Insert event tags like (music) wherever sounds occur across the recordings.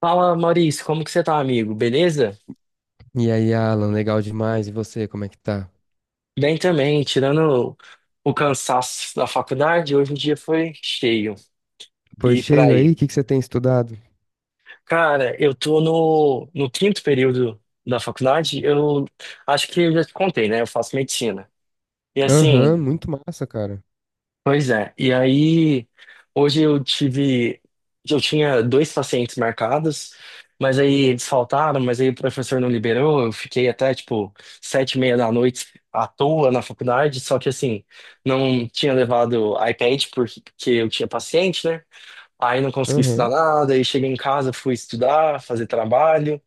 Fala, Maurício, como que você tá, amigo? Beleza? E aí, Alan, legal demais. E você, como é que tá? Bem também, tirando o cansaço da faculdade, hoje o dia foi cheio. Pois E por cheio aí, o aí. que que você tem estudado? Cara, eu tô no quinto período da faculdade, eu acho que eu já te contei, né? Eu faço medicina. E Aham, assim. muito massa, cara. Pois é. E aí, hoje eu tive. Eu tinha dois pacientes marcados, mas aí eles faltaram, mas aí o professor não liberou. Eu fiquei até, tipo, 7h30 da noite à toa na faculdade. Só que, assim, não tinha levado iPad porque eu tinha paciente, né? Aí não consegui estudar Aham. nada. Aí cheguei em casa, fui estudar, fazer trabalho.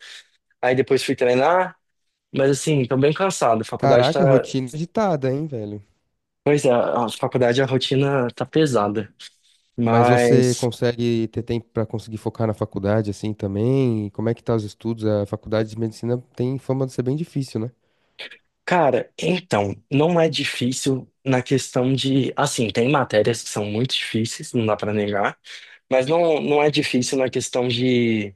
Aí depois fui treinar. Mas, assim, tô bem cansado. A faculdade Caraca, tá. rotina agitada, hein, velho? Pois é, a faculdade, a rotina tá pesada. Mas você Mas. consegue ter tempo pra conseguir focar na faculdade assim também? E como é que tá os estudos? A faculdade de medicina tem fama de ser bem difícil, né? Cara, então, não é difícil na questão de, assim, tem matérias que são muito difíceis, não dá pra negar, mas não, não é difícil na questão de,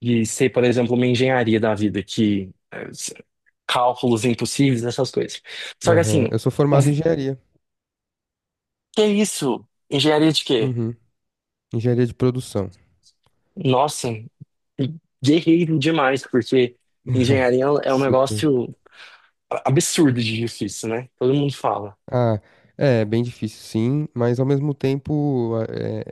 de ser, por exemplo, uma engenharia da vida, que é, cálculos impossíveis, essas coisas. Só que Aham. assim, Eu sou o formado em engenharia. que é isso? Engenharia de quê? Uhum. Engenharia de produção. Nossa, guerreiro demais, porque engenharia (laughs) é um Super. negócio absurdo de difícil, né? Todo mundo fala. Ah, é bem difícil, sim, mas ao mesmo tempo a- é-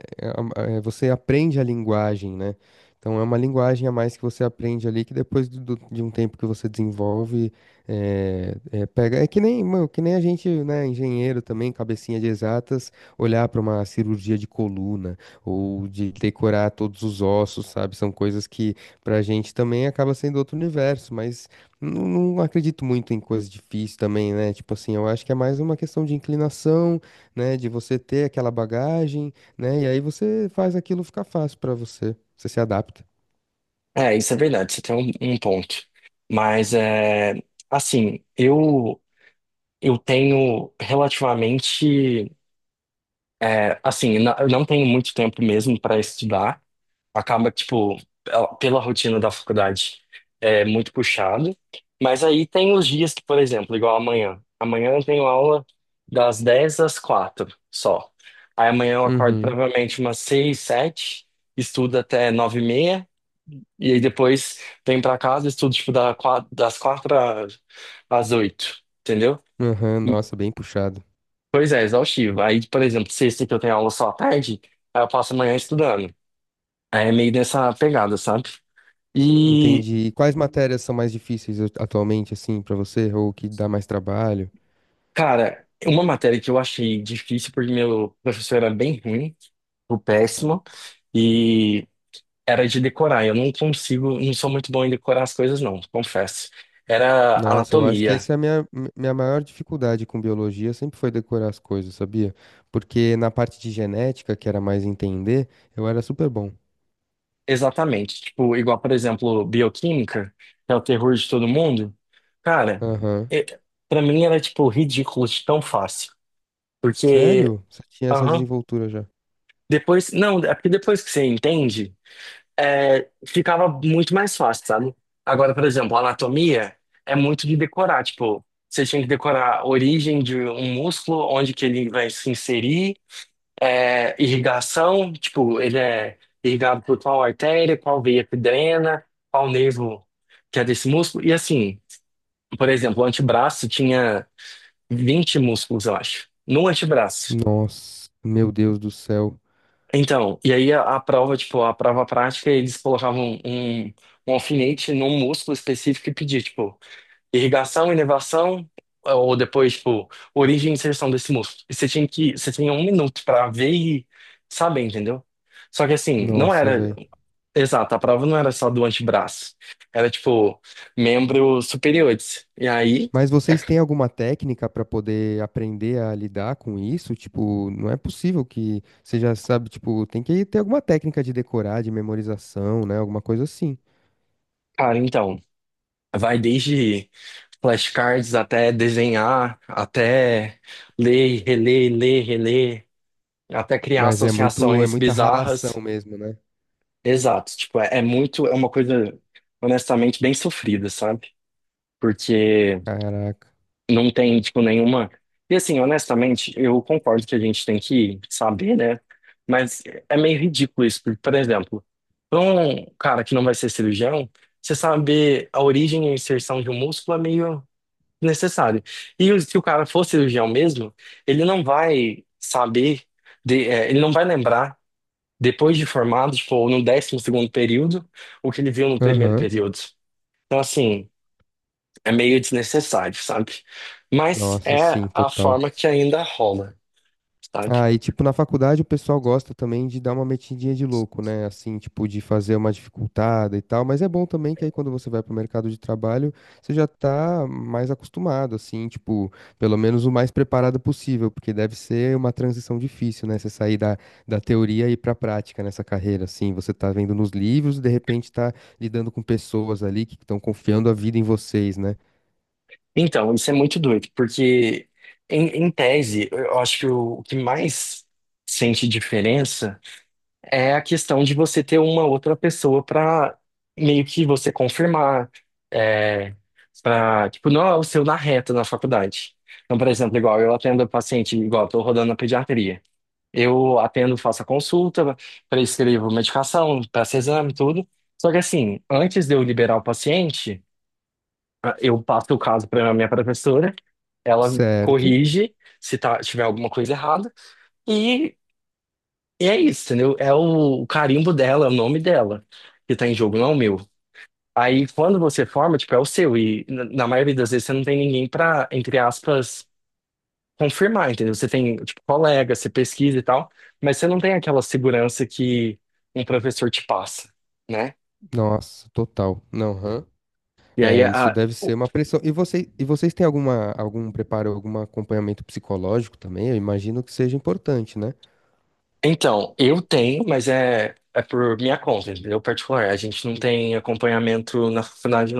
é é, você aprende a linguagem, né? Então é uma linguagem a mais que você aprende ali que depois de um tempo que você desenvolve, pega. É que nem, mano, que nem a gente, né, engenheiro também, cabecinha de exatas, olhar para uma cirurgia de coluna ou de decorar todos os ossos, sabe? São coisas que pra gente também acaba sendo outro universo, mas não acredito muito em coisas difíceis também, né? Tipo assim, eu acho que é mais uma questão de inclinação, né? De você ter aquela bagagem, né? E aí você faz aquilo ficar fácil pra você. Você se adapta. É, isso é verdade, você tem um ponto. Mas, assim, eu tenho relativamente. Assim, eu não tenho muito tempo mesmo para estudar. Acaba que, tipo, pela rotina da faculdade é muito puxado. Mas aí tem os dias que, por exemplo, igual amanhã. Amanhã eu tenho aula das 10 às 4 só. Aí amanhã eu acordo Uhum. provavelmente umas 6 7, estudo até 9h30. E aí depois venho pra casa, e estudo, tipo, da das 4 às 8, entendeu? Aham, nossa, bem puxado. Pois é, exaustivo. Aí, por exemplo, sexta que eu tenho aula só à tarde, aí eu passo a manhã estudando. Aí é meio nessa pegada, sabe? E, Entendi. E quais matérias são mais difíceis atualmente, assim, pra você? Ou que dá mais trabalho? cara, uma matéria que eu achei difícil, porque meu professor era bem ruim, o péssimo, e era de decorar. Eu não consigo, não sou muito bom em decorar as coisas, não, confesso. Era Nossa, eu acho que anatomia, essa é a minha maior dificuldade com biologia, sempre foi decorar as coisas, sabia? Porque na parte de genética, que era mais entender, eu era super bom. exatamente. Tipo, igual, por exemplo, bioquímica, que é o terror de todo mundo. Cara, Aham. e- pra mim era, tipo, ridículo de tão fácil. Porque, Sério? Você tinha essa aham, desenvoltura já? depois, não, é porque depois que você entende. Ficava muito mais fácil, sabe? Agora, por exemplo, anatomia é muito de decorar, tipo, você tinha que decorar a origem de um músculo, onde que ele vai se inserir, irrigação, tipo, ele é irrigado por qual artéria, qual veia que drena, qual nervo que é desse músculo, e assim, por exemplo, o antebraço tinha 20 músculos, eu acho, no antebraço. Nossa, meu Deus do céu. Então, e aí a prova, tipo, a prova prática, eles colocavam um alfinete num músculo específico e pedia, tipo, irrigação, inervação, ou depois, tipo, origem e inserção desse músculo. E você tinha 1 minuto pra ver e saber, entendeu? Só que assim, não Nossa, era, velho. exato, a prova não era só do antebraço, era, tipo, membros superiores. E aí, Mas é, vocês têm alguma técnica pra poder aprender a lidar com isso? Tipo, não é possível que você já sabe, tipo, tem que ter alguma técnica de decorar, de memorização, né? Alguma coisa assim. cara, então. Vai desde flashcards até desenhar, até ler, reler, até criar Mas é muito, é associações muita bizarras. ralação mesmo, né? Exato, tipo, é muito, é uma coisa honestamente bem sofrida, sabe? Porque Caraca. não tem, tipo, nenhuma. E assim, honestamente, eu concordo que a gente tem que saber, né? Mas é meio ridículo isso, porque, por exemplo, para um cara que não vai ser cirurgião, você saber a origem e a inserção de um músculo é meio necessário. E se o cara for cirurgião mesmo, ele não vai saber, ele não vai lembrar, depois de formado, tipo, no 12º período, o que ele viu no primeiro Aham. período. Então, assim, é meio desnecessário, sabe? Mas Nossa, é sim, a total. forma que ainda rola, sabe? Ah, e tipo, na faculdade o pessoal gosta também de dar uma metidinha de louco, né? Assim, tipo, de fazer uma dificultada e tal, mas é bom também que aí quando você vai pro mercado de trabalho, você já tá mais acostumado, assim, tipo, pelo menos o mais preparado possível, porque deve ser uma transição difícil, né? Você sair da teoria e ir pra prática nessa carreira, assim, você tá vendo nos livros e de repente tá lidando com pessoas ali que estão confiando a vida em vocês, né? Então, isso é muito doido, porque, em tese, eu acho que o que mais sente diferença é a questão de você ter uma outra pessoa para meio que você confirmar, é, para, tipo, não é o seu na reta na faculdade. Então, por exemplo, igual eu atendo paciente, igual eu tô rodando na pediatria. Eu atendo, faço a consulta, prescrevo medicação, peço exame, tudo. Só que assim, antes de eu liberar o paciente, eu passo o caso para minha professora, ela Certo. corrige se tá, tiver alguma coisa errada. e e é isso, entendeu? É o carimbo dela, é o nome dela que tá em jogo, não é o meu. Aí quando você forma, tipo, é o seu. E na maioria das vezes você não tem ninguém pra, entre aspas, confirmar, entendeu? Você tem, tipo, colega, você pesquisa e tal, mas você não tem aquela segurança que um professor te passa, né? Nossa, total. Não, aham. E aí, É, isso deve ser uma pressão. E, você, e vocês têm alguma, algum preparo, algum acompanhamento psicológico também? Eu imagino que seja importante, né? então, eu tenho, mas é por minha conta, entendeu? Particular. A gente não tem acompanhamento na faculdade,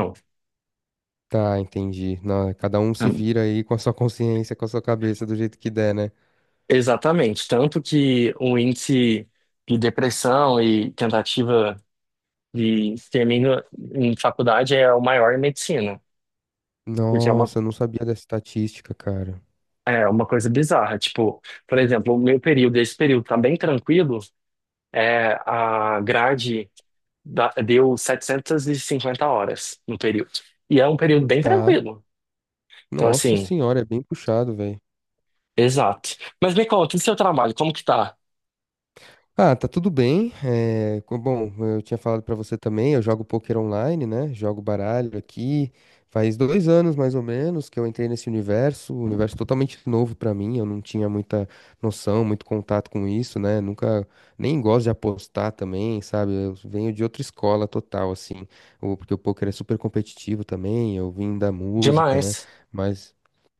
Tá, entendi. Na- cada um se não. vira aí com a sua (laughs) consciência, com a sua cabeça, do jeito que der, né? Exatamente. Tanto que o índice de depressão e tentativa de extermínio em faculdade é o maior em medicina, porque é uma, Nossa, eu não sabia dessa estatística, cara. é uma coisa bizarra. Tipo, por exemplo, o meu período, esse período tá bem tranquilo, a grade deu 750 horas no período. E é um período bem Tá. tranquilo. Então, Nossa assim. senhora, é bem puxado, velho. Exato. Mas me conta, e seu trabalho, como que tá? Ah, tá tudo bem. É, bom, eu tinha falado pra você também, eu jogo poker online, né? Jogo baralho aqui. Faz 2 anos, mais ou menos, que eu entrei nesse universo, um universo totalmente novo pra mim. Eu não tinha muita noção, muito contato com isso, né? Nunca nem gosto de apostar também, sabe? Eu venho de outra escola total, assim. Porque o poker é super competitivo também. Eu vim da música, né? Demais. Mas,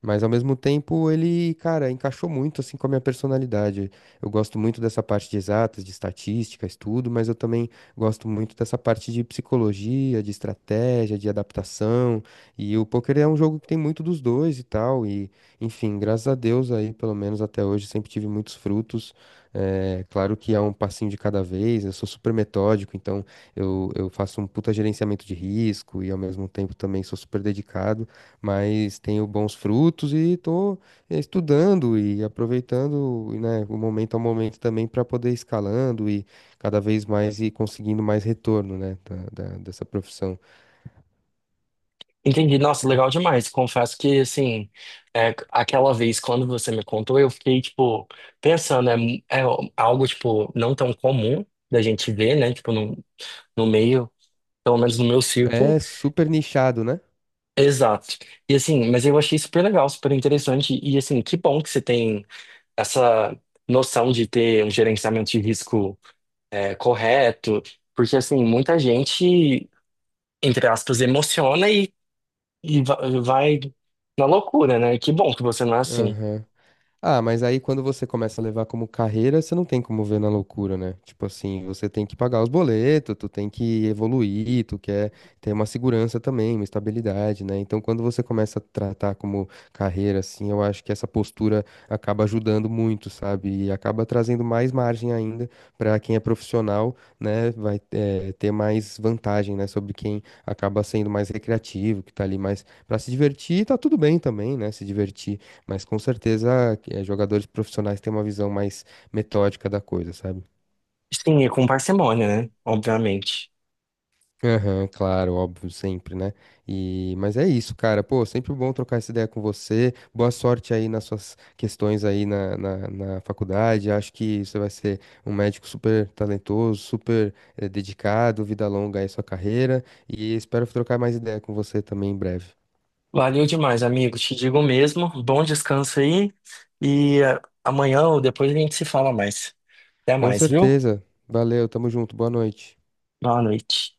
mas ao mesmo tempo ele, cara, encaixou muito assim com a minha personalidade, eu gosto muito dessa parte de exatas, de estatística, estudo, mas eu também gosto muito dessa parte de psicologia, de estratégia, de adaptação. E o poker é um jogo que tem muito dos dois e tal. E, enfim, graças a Deus aí, pelo menos até hoje, sempre tive muitos frutos. É, claro que é um passinho de cada vez, eu sou super metódico, então eu faço um puta gerenciamento de risco e ao mesmo tempo também sou super dedicado, mas tenho bons frutos e tô estudando e aproveitando, né, o momento ao momento também para poder ir escalando e cada vez mais ir conseguindo mais retorno, né, dessa profissão. Entendi. Nossa, legal demais. Confesso que, assim, aquela vez quando você me contou, eu fiquei, tipo, pensando, é algo, tipo, não tão comum da gente ver, né? Tipo, no meio, pelo menos no meu círculo. É super nichado, né? Exato. E assim, mas eu achei super legal, super interessante. E assim, que bom que você tem essa noção de ter um gerenciamento de risco correto, porque assim, muita gente, entre aspas, emociona e vai na loucura, né? Que bom que você não é assim. Aham. Ah, mas aí quando você começa a levar como carreira, você não tem como ver na loucura, né? Tipo assim, você tem que pagar os boletos, tu tem que evoluir, tu quer ter uma segurança também, uma estabilidade, né? Então quando você começa a tratar como carreira, assim, eu acho que essa postura acaba ajudando muito, sabe? E acaba trazendo mais margem ainda pra quem é profissional, né? Vai ter mais vantagem, né? Sobre quem acaba sendo mais recreativo, que tá ali mais pra se divertir, tá tudo bem também, né? Se divertir. Mas com certeza jogadores profissionais têm uma visão mais metódica da coisa, sabe? Sim, e com parcimônia, né? Obviamente. Aham, claro, óbvio, sempre, né? E, mas é isso, cara. Pô, sempre bom trocar essa ideia com você. Boa sorte aí nas suas questões aí na faculdade. Acho que você vai ser um médico super talentoso, super dedicado, vida longa aí sua carreira. E espero trocar mais ideia com você também em breve. Valeu demais, amigo. Te digo mesmo. Bom descanso aí. E amanhã ou depois a gente se fala mais. Até Com mais, viu? certeza. Valeu, tamo junto. Boa noite. Boa noite.